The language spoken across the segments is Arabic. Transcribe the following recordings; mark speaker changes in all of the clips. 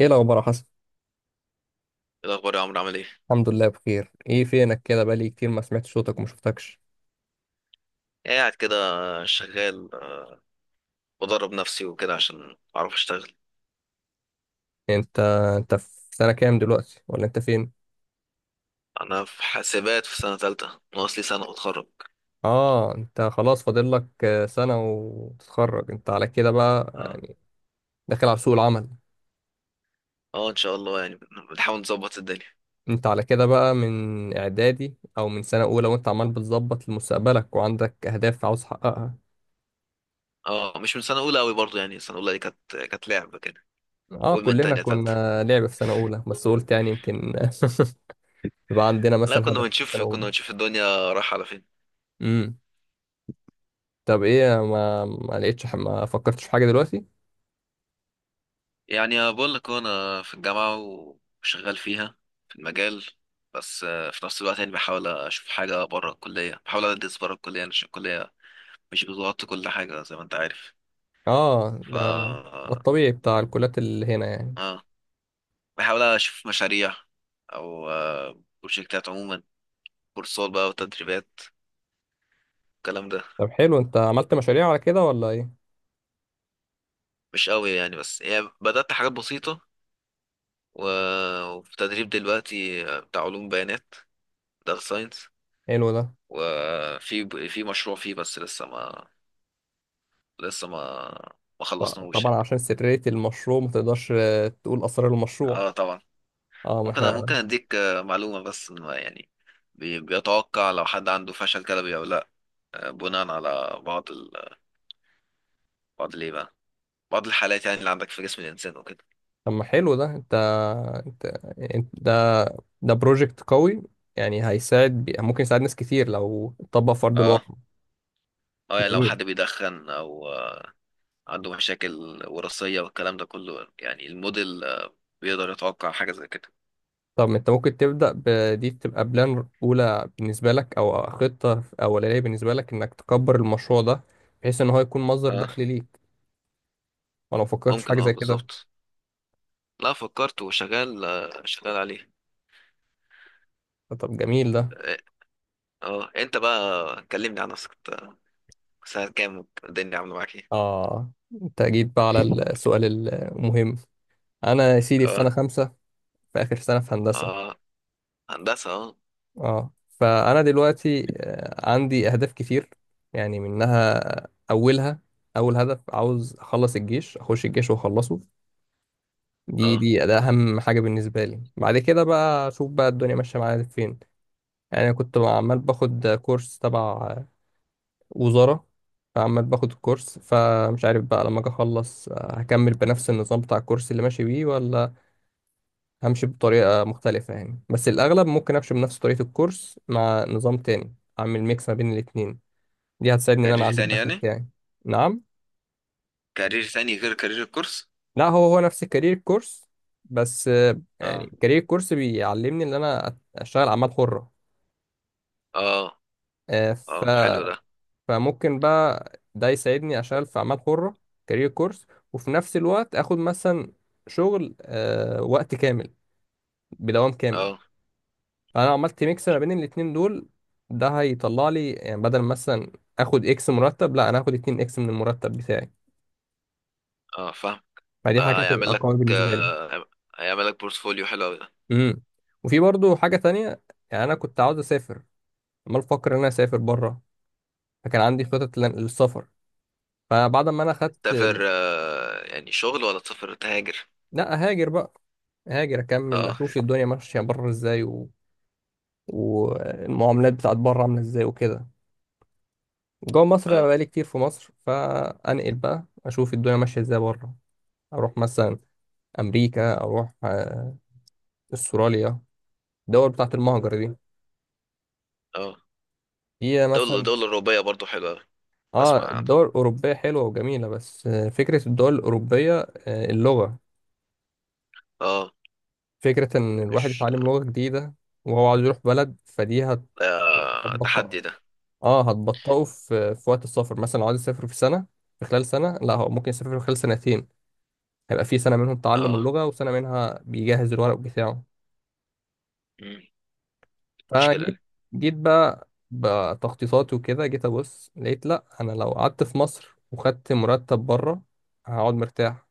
Speaker 1: ايه الاخبار يا حسن؟
Speaker 2: إيه الأخبار يا عمرو، عامل إيه؟
Speaker 1: الحمد لله، بخير. ايه فينك كده؟ بقالي كتير ما سمعت صوتك وما شفتكش.
Speaker 2: قاعد كده. شغال. بدرب نفسي وكده عشان أعرف أشتغل.
Speaker 1: انت انت في سنة كام دلوقتي، ولا انت فين؟
Speaker 2: أنا في حاسبات، في سنة تالتة، ناقص لي سنة وأتخرج.
Speaker 1: اه، انت خلاص فاضل لك سنة وتتخرج، انت على كده بقى.
Speaker 2: أه،
Speaker 1: آه، داخل على سوق العمل.
Speaker 2: أه، إن شاء الله يعني. بنحاول نظبط الدنيا.
Speaker 1: انت على كده بقى من اعدادي او من سنة اولى، وانت عمال بتظبط لمستقبلك وعندك اهداف عاوز تحققها؟
Speaker 2: أه، مش من سنة أولى أوي برضه يعني. سنة أولى دي كانت لعبة كده.
Speaker 1: اه،
Speaker 2: قول من
Speaker 1: كلنا
Speaker 2: تانية، تالتة.
Speaker 1: كنا لعبة في سنة اولى، بس قلت يعني يمكن. يبقى عندنا
Speaker 2: لا،
Speaker 1: مثلا
Speaker 2: كنا
Speaker 1: هدف في
Speaker 2: بنشوف
Speaker 1: سنة اولى؟
Speaker 2: كنا بنشوف الدنيا رايحة على فين.
Speaker 1: امم. طب ايه، ما لقيتش؟ ما فكرتش في حاجة دلوقتي؟
Speaker 2: يعني بقول لك أنا في الجامعة، وشغال فيها، في المجال. بس في نفس الوقت يعني بحاول أشوف حاجة بره الكلية، بحاول أدرس بره الكلية يعني عشان الكلية مش بظبط كل حاجة زي ما انت عارف.
Speaker 1: اه،
Speaker 2: ف
Speaker 1: ده الطبيعي بتاع الكليات اللي هنا يعني.
Speaker 2: اه، بحاول اشوف مشاريع، او بروجكتات عموما. كورسات بقى، وتدريبات، الكلام ده.
Speaker 1: طب حلو، انت عملت مشاريع على كده ولا ايه؟
Speaker 2: مش قوي يعني، بس يعني بدأت حاجات بسيطة و... وفي تدريب دلوقتي بتاع علوم بيانات، داتا ساينس.
Speaker 1: حلو ده.
Speaker 2: وفي مشروع فيه، بس لسه ما لسه ما ما خلصناهوش
Speaker 1: طبعا
Speaker 2: يعني.
Speaker 1: عشان سرية المشروع ما تقدرش تقول اسرار المشروع.
Speaker 2: اه، طبعا.
Speaker 1: اه، ما
Speaker 2: ممكن
Speaker 1: احنا.
Speaker 2: اديك معلومة، بس إن ما يعني بيتوقع لو حد عنده فشل كلوي او لا. بناء على بعض الايه بقى، بعض الحالات يعني اللي عندك في جسم الانسان وكده.
Speaker 1: طب ما حلو ده. انت, انت... ده ده بروجكت قوي. يعني هيساعد ممكن يساعد ناس كتير لو اتطبق في ارض
Speaker 2: اه،
Speaker 1: الواقع.
Speaker 2: اه، يعني لو
Speaker 1: جميل.
Speaker 2: حد بيدخن او عنده مشاكل وراثية والكلام ده كله، يعني الموديل بيقدر يتوقع حاجة زي كده.
Speaker 1: طب انت ممكن تبدأ بدي تبقى بلان اولى بالنسبة لك، او خطة اولانية بالنسبة لك، انك تكبر المشروع ده بحيث ان هو يكون مصدر
Speaker 2: اه،
Speaker 1: دخل ليك؟ وانا ما فكرتش في
Speaker 2: ممكن،
Speaker 1: حاجه
Speaker 2: اه،
Speaker 1: زي كده؟
Speaker 2: بالظبط. لا، فكرت وشغال، شغال عليه.
Speaker 1: طب جميل ده.
Speaker 2: اه. آه. انت بقى كلمني عن نفسك إنت، ساعة كام الدنيا عاملة معاك ايه؟
Speaker 1: اه، انت جيت بقى على السؤال. المهم، انا يا سيدي في سنه
Speaker 2: اه.
Speaker 1: 5. في اخر سنه في هندسه.
Speaker 2: اه. هندسة، اه.
Speaker 1: اه، فانا دلوقتي عندي اهداف كتير. يعني منها، اولها، اول هدف عاوز اخلص الجيش، اخش الجيش واخلصه. دي
Speaker 2: اه.
Speaker 1: دي ده اهم حاجه بالنسبه لي. بعد كده بقى اشوف بقى الدنيا ماشيه معايا فين. يعني أنا كنت عمال باخد كورس تبع وزارة. فعمال باخد الكورس، فمش عارف بقى لما اجي اخلص هكمل بنفس النظام بتاع الكورس اللي ماشي بيه، ولا همشي بطريقة مختلفة يعني. بس الأغلب ممكن أمشي بنفس طريقة الكورس مع نظام تاني، أعمل ميكس ما بين الاتنين. دي هتساعدني إن أنا
Speaker 2: كارير
Speaker 1: أعلي
Speaker 2: تاني
Speaker 1: الدخل
Speaker 2: يعني.
Speaker 1: بتاعي. نعم.
Speaker 2: كارير تاني غير كارير الكورس.
Speaker 1: لا، هو هو نفس الكارير كورس. بس
Speaker 2: اه.
Speaker 1: يعني كارير كورس بيعلمني إن أنا أشتغل أعمال حرة.
Speaker 2: اه. اه، حلو ده.
Speaker 1: فممكن بقى ده يساعدني اشتغل في اعمال حرة. كارير كورس. وفي نفس الوقت اخد مثلا شغل وقت كامل، بدوام كامل.
Speaker 2: اه.
Speaker 1: فانا عملت ميكس ما بين الاتنين دول. ده هيطلع لي يعني، بدل مثلا اخد اكس مرتب، لا انا هاخد 2 اكس من المرتب بتاعي.
Speaker 2: اه، فاهم.
Speaker 1: فدي
Speaker 2: آه،
Speaker 1: حاجة
Speaker 2: هيعمل
Speaker 1: تبقى
Speaker 2: لك
Speaker 1: قوية بالنسبة لي.
Speaker 2: آه، هيعمل لك بورتفوليو حلو قوي ده.
Speaker 1: امم. وفي برضو حاجة تانية. يعني انا كنت عاوز اسافر، عمال بفكر ان انا اسافر بره. فكان عندي خطط للسفر. فبعد ما انا خدت،
Speaker 2: تسافر يعني شغل، ولا تسافر تهاجر؟
Speaker 1: لا، هاجر بقى. هاجر اكمل،
Speaker 2: اه.
Speaker 1: اشوف الدنيا ماشيه بره ازاي، و... والمعاملات بتاعت بره عامله ازاي وكده. جوه مصر انا
Speaker 2: اه.
Speaker 1: بقالي كتير في مصر، فانقل بقى اشوف الدنيا ماشيه ازاي بره. اروح مثلا امريكا، اروح استراليا، الدول بتاعت المهجر دي.
Speaker 2: اه.
Speaker 1: هي
Speaker 2: دولة
Speaker 1: مثلا،
Speaker 2: دولة أوروبية برضو حلوة أوي.
Speaker 1: اه،
Speaker 2: بسمع عنها.
Speaker 1: الدول الاوروبيه حلوه وجميله، بس فكره الدول الاوروبيه، اللغه،
Speaker 2: اه،
Speaker 1: فكره ان الواحد
Speaker 2: مش،
Speaker 1: يتعلم لغه جديده وهو عايز يروح بلد، فدي
Speaker 2: آه،
Speaker 1: هتبطئ.
Speaker 2: تحدي ده.
Speaker 1: اه، هتبطئه في وقت السفر، مثلا لو عايز يسافر في سنه، في خلال سنه، لا هو ممكن يسافر في خلال سنتين. هيبقى في سنه منهم تعلم
Speaker 2: اه.
Speaker 1: اللغه، وسنه منها بيجهز الورق بتاعه.
Speaker 2: مم.
Speaker 1: فجيت،
Speaker 2: مشكلة.
Speaker 1: جيت بقى بتخطيطاتي وكده، جيت ابص لقيت لا، انا لو قعدت في مصر وخدت مرتب بره هقعد مرتاح.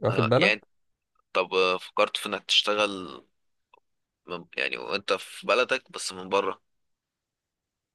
Speaker 1: واخد
Speaker 2: اه،
Speaker 1: بالك؟
Speaker 2: يعني، طب فكرت في انك تشتغل من يعني وانت في بلدك، بس من بره؟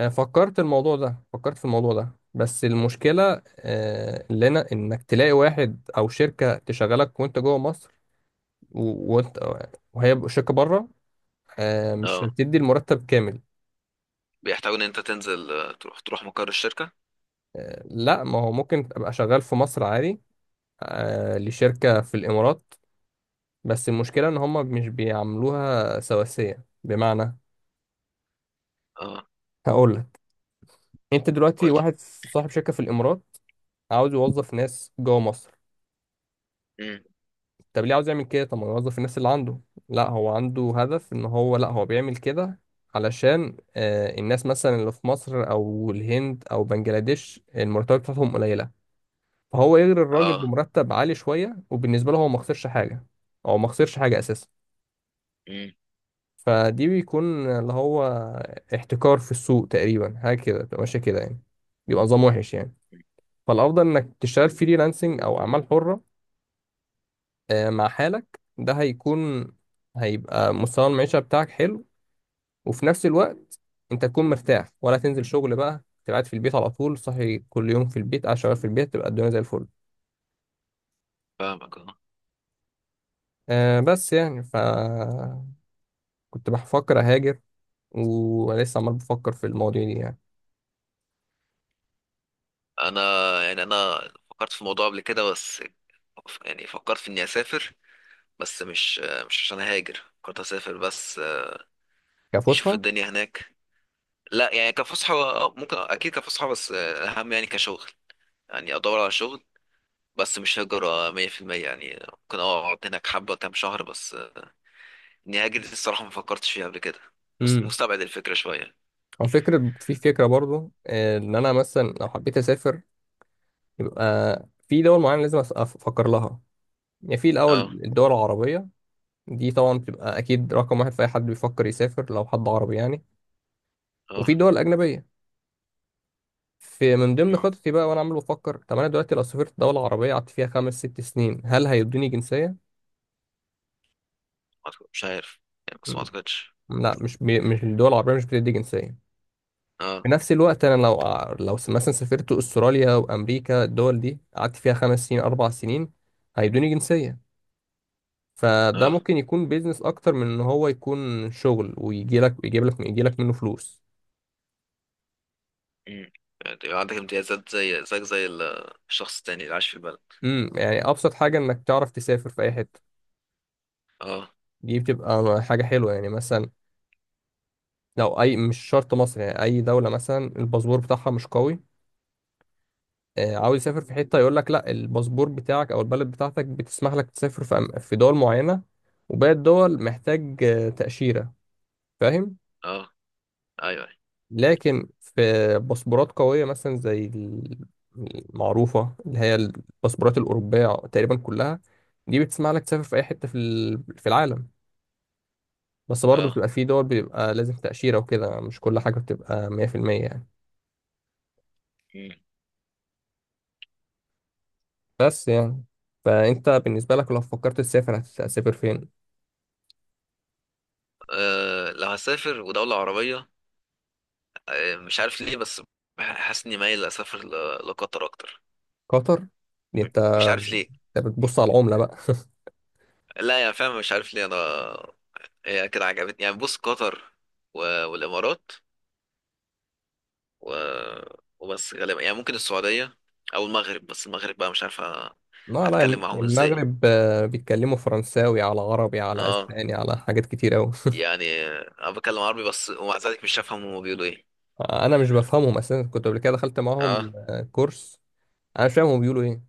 Speaker 1: فكرت الموضوع ده، فكرت في الموضوع ده، بس المشكله اللي انا، انك تلاقي واحد او شركه تشغلك وانت جوه مصر، وانت وهي شركه بره، مش
Speaker 2: اه،
Speaker 1: هتدي المرتب كامل.
Speaker 2: بيحتاجوا ان انت تنزل تروح مقر الشركة.
Speaker 1: لا، ما هو ممكن ابقى شغال في مصر عادي، لشركة في الامارات. بس المشكلة ان هم مش بيعملوها سواسية، بمعنى
Speaker 2: اه،
Speaker 1: هقول لك. انت دلوقتي
Speaker 2: قولي.
Speaker 1: واحد صاحب شركة في الامارات، عاوز يوظف ناس جوه مصر.
Speaker 2: مم.
Speaker 1: طب ليه عاوز يعمل كده؟ طب ما يوظف الناس اللي عنده. لا هو عنده هدف، ان هو، لا هو بيعمل كده علشان الناس مثلا اللي في مصر او الهند او بنجلاديش، المرتبات بتاعتهم قليلة. فهو يغري الراجل
Speaker 2: اه.
Speaker 1: بمرتب عالي شوية، وبالنسبة له هو ما خسرش حاجة، أو ما خسرش حاجة أساسا.
Speaker 2: مم.
Speaker 1: فدي بيكون اللي هو احتكار في السوق تقريبا، حاجة كده بتبقى ماشية كده يعني. بيبقى نظام وحش يعني. فالأفضل إنك تشتغل فريلانسنج أو أعمال حرة. مع حالك ده هيكون، هيبقى مستوى المعيشة بتاعك حلو. وفي نفس الوقت أنت تكون مرتاح، ولا تنزل شغل بقى. تبقى قاعد في البيت على طول، صحي كل يوم في البيت قاعد شغال في البيت، تبقى الدنيا زي الفل.
Speaker 2: فاهمك اه.
Speaker 1: بس يعني ف، كنت بفكر أهاجر، وانا لسه عمال بفكر في المواضيع دي يعني،
Speaker 2: انا، يعني انا فكرت في الموضوع قبل كده، بس يعني فكرت في اني اسافر، بس مش عشان هاجر، فكرت اسافر بس، نشوف
Speaker 1: كفسحه.
Speaker 2: الدنيا هناك. لا يعني كفسحة، ممكن اكيد كفسحة، بس اهم يعني كشغل، يعني ادور على شغل. بس مش هجرة 100% يعني، ممكن اقعد هناك حبة كام شهر، بس اني هاجر دي الصراحة ما فكرتش فيها قبل كده.
Speaker 1: امم.
Speaker 2: مستبعد الفكرة شوية.
Speaker 1: هو فكره، في فكره برضو، ان انا مثلا لو حبيت اسافر، يبقى في دول معينه لازم افكر لها. يعني في الاول
Speaker 2: اه.
Speaker 1: الدول العربيه، دي طبعا بتبقى اكيد رقم واحد في اي حد بيفكر يسافر، لو حد عربي يعني.
Speaker 2: اه.
Speaker 1: وفي دول اجنبيه. في من ضمن
Speaker 2: مم.
Speaker 1: خططي بقى وانا عمال بفكر، طب انا دلوقتي لو سافرت دوله عربيه، قعدت فيها خمس ست سنين، هل هيدوني جنسيه؟
Speaker 2: مش عارف يعني، بس ما
Speaker 1: مم،
Speaker 2: اعتقدش.
Speaker 1: لا، مش الدول العربيه مش بتدي جنسيه.
Speaker 2: اه.
Speaker 1: في نفس الوقت انا لو، مثلا سافرت استراليا وامريكا، الدول دي قعدت فيها 5 سنين، 4 سنين، هيدوني جنسيه. فده
Speaker 2: اه.
Speaker 1: ممكن يكون بيزنس اكتر من ان هو يكون شغل، ويجي لك يجيب لك يجي لك منه فلوس.
Speaker 2: مم. يعني عندك امتيازات زي زيك زي الشخص التاني اللي عايش في البلد.
Speaker 1: امم. يعني ابسط حاجه انك تعرف تسافر في اي حته.
Speaker 2: اه.
Speaker 1: دي بتبقى حاجه حلوه، يعني مثلا لو اي، مش شرط مصر يعني، اي دوله مثلا الباسبور بتاعها مش قوي، عاوز يسافر في حته، يقول لك لا، الباسبور بتاعك او البلد بتاعتك بتسمح لك تسافر في في دول معينه، وباقي الدول محتاج تاشيره. فاهم؟
Speaker 2: اه. ايوه، أيوة.
Speaker 1: لكن في باسبورات قويه مثلا زي المعروفه اللي هي الباسبورات الاوروبيه تقريبا كلها. دي بتسمح لك تسافر في اي حته في العالم. بس برضه
Speaker 2: اه.
Speaker 1: بتبقى في دول بيبقى لازم تاشيره وكده، مش كل حاجه بتبقى 100% يعني.
Speaker 2: مم.
Speaker 1: بس يعني، فانت بالنسبه لك لو فكرت تسافر هتسافر فين؟
Speaker 2: لو هسافر ودولة عربية، مش عارف ليه، بس حاسس اني مايل اسافر لقطر اكتر.
Speaker 1: قطر؟ دي
Speaker 2: م-
Speaker 1: انت،
Speaker 2: مش عارف ليه.
Speaker 1: انت بتبص على العملة بقى؟
Speaker 2: لا يا فاهم، مش عارف ليه انا. هي كده عجبتني يعني. بص، قطر والامارات و... وبس غالبا يعني ممكن السعودية او المغرب، بس المغرب بقى مش عارف
Speaker 1: لا، لا،
Speaker 2: هتكلم معاهم ازاي.
Speaker 1: المغرب بيتكلموا فرنساوي على عربي على
Speaker 2: اه،
Speaker 1: اسباني على حاجات كتير قوي.
Speaker 2: يعني انا بتكلم عربي بس، ومع ذلك مش هفهم هما بيقولوا ايه.
Speaker 1: انا مش بفهمهم اساسا، كنت قبل كده دخلت
Speaker 2: اه،
Speaker 1: معاهم كورس. انا مش فاهم هم بيقولوا ايه،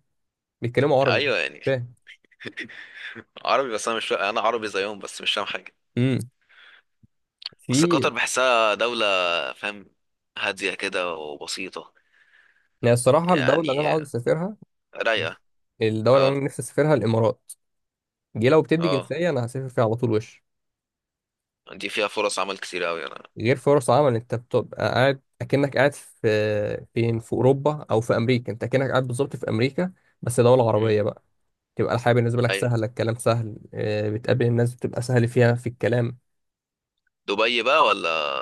Speaker 1: بيتكلموا عربي مش
Speaker 2: ايوه يعني.
Speaker 1: فاهم.
Speaker 2: عربي، بس انا مش انا عربي زيهم، بس مش فاهم حاجه.
Speaker 1: امم.
Speaker 2: بس قطر
Speaker 1: في،
Speaker 2: بحسها دوله، فاهم، هاديه كده وبسيطه
Speaker 1: يعني الصراحة الدولة اللي انا
Speaker 2: يعني،
Speaker 1: عاوز اسافرها،
Speaker 2: رايقه.
Speaker 1: الدولة اللي
Speaker 2: اه.
Speaker 1: انا نفسي اسافرها الامارات. دي لو بتدي
Speaker 2: اه.
Speaker 1: جنسية، انا هسافر فيها على طول وش.
Speaker 2: دي فيها فرص عمل كتير قوي، انا.
Speaker 1: غير فرص عمل، انت بتبقى قاعد اكنك قاعد في فين، في اوروبا او في امريكا، انت اكنك قاعد بالظبط في امريكا، بس دولة
Speaker 2: مم.
Speaker 1: عربية بقى. تبقى الحياة بالنسبة لك
Speaker 2: ايوه.
Speaker 1: سهلة، الكلام سهل، بتقابل الناس بتبقى سهل فيها في الكلام.
Speaker 2: دبي بقى، ولا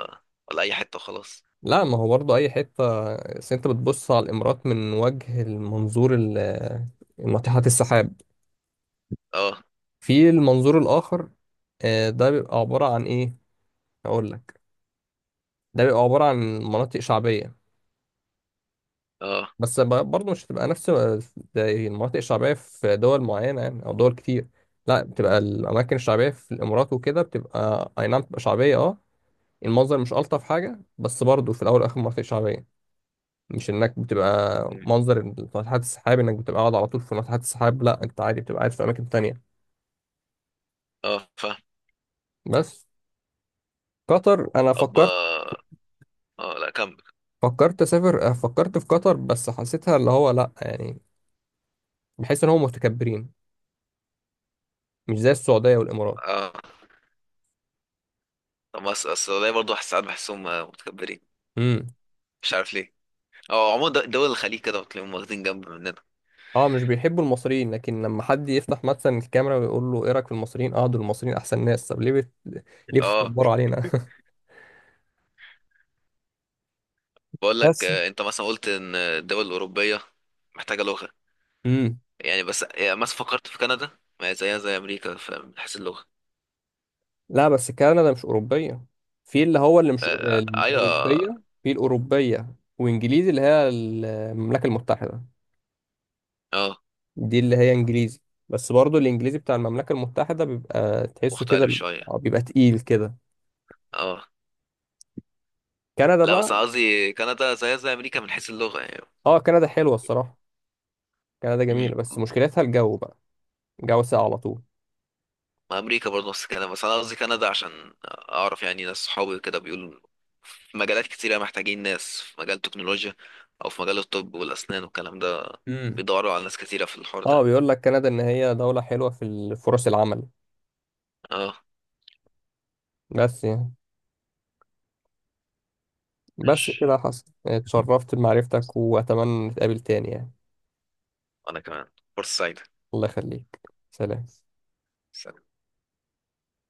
Speaker 2: اي حته خلاص؟
Speaker 1: لا، ما هو برضه اي حتة، بس انت بتبص على الامارات من وجه المنظور ناطحات السحاب.
Speaker 2: اه.
Speaker 1: في المنظور الاخر، ده بيبقى عبارة عن ايه؟ اقول لك، ده بيبقى عبارة عن مناطق شعبية.
Speaker 2: اه.
Speaker 1: بس برضه مش هتبقى نفس زي المناطق الشعبية في دول معينة يعني أو دول كتير. لا، بتبقى الأماكن الشعبية في الإمارات وكده بتبقى أي نعم، بتبقى شعبية أه. المنظر مش ألطف حاجة، بس برضه في الأول والآخر مناطق شعبية. مش إنك بتبقى
Speaker 2: مم.
Speaker 1: منظر ناطحات السحاب إنك بتبقى قاعد على طول في ناطحات السحاب، لا أنت عادي بتبقى قاعد في أماكن تانية.
Speaker 2: اه، فاهم.
Speaker 1: بس قطر أنا
Speaker 2: طب
Speaker 1: فكرت،
Speaker 2: اه. لا كمل.
Speaker 1: فكرت أسافر، فكرت في قطر، بس حسيتها اللي هو لا يعني، بحس إن هم متكبرين، مش زي السعودية والإمارات.
Speaker 2: اه. طب بس اصل برضه ساعات بحسهم متكبرين،
Speaker 1: امم.
Speaker 2: مش عارف ليه. اه، عموما دول الخليج كده بتلاقيهم واخدين جنب مننا.
Speaker 1: اه، مش بيحبوا المصريين، لكن لما حد يفتح مثلا الكاميرا ويقول له ايه رايك في المصريين؟ اه، دول المصريين احسن ناس. طب ليه ليه
Speaker 2: اه،
Speaker 1: بتكبروا علينا؟
Speaker 2: بقول لك
Speaker 1: بس.
Speaker 2: انت مثلا قلت ان الدول الاوروبيه محتاجه لغه
Speaker 1: امم.
Speaker 2: يعني. بس يعني مثلا فكرت في كندا، ما هي زيها زي امريكا من حيث اللغه.
Speaker 1: لا، بس كندا مش اوروبيه. في اللي هو اللي مش
Speaker 2: آه،
Speaker 1: الاوروبيه،
Speaker 2: ايوه.
Speaker 1: في الاوروبيه وانجليزي اللي هي المملكه المتحده،
Speaker 2: اه،
Speaker 1: دي اللي هي انجليزي. بس برضو الانجليزي بتاع المملكه المتحده بيبقى تحسه
Speaker 2: مختلف
Speaker 1: كده،
Speaker 2: شويه.
Speaker 1: بيبقى تقيل كده.
Speaker 2: اه،
Speaker 1: كندا
Speaker 2: لا بس
Speaker 1: بقى،
Speaker 2: قصدي كندا زيها زي امريكا من حيث اللغه يعني.
Speaker 1: اه كندا حلوه الصراحه. كندا جميله، بس مشكلتها الجو بقى، جو ساقع على طول.
Speaker 2: ما امريكا برضه نفس الكلام، بس انا قصدي كندا عشان اعرف يعني، ناس صحابي كده بيقولوا في مجالات كتيرة محتاجين ناس، في مجال التكنولوجيا او في مجال الطب والاسنان والكلام ده،
Speaker 1: مم.
Speaker 2: بيدوروا على ناس كتيرة في الحوار
Speaker 1: اه،
Speaker 2: ده.
Speaker 1: بيقول لك كندا ان هي دولة حلوة فرص العمل.
Speaker 2: اه،
Speaker 1: بس يعني، بس كده
Speaker 2: ماشي.
Speaker 1: حصل، اتشرفت بمعرفتك واتمنى نتقابل تاني يعني.
Speaker 2: انا كمان. فرصة سعيدة.
Speaker 1: الله يخليك. سلام.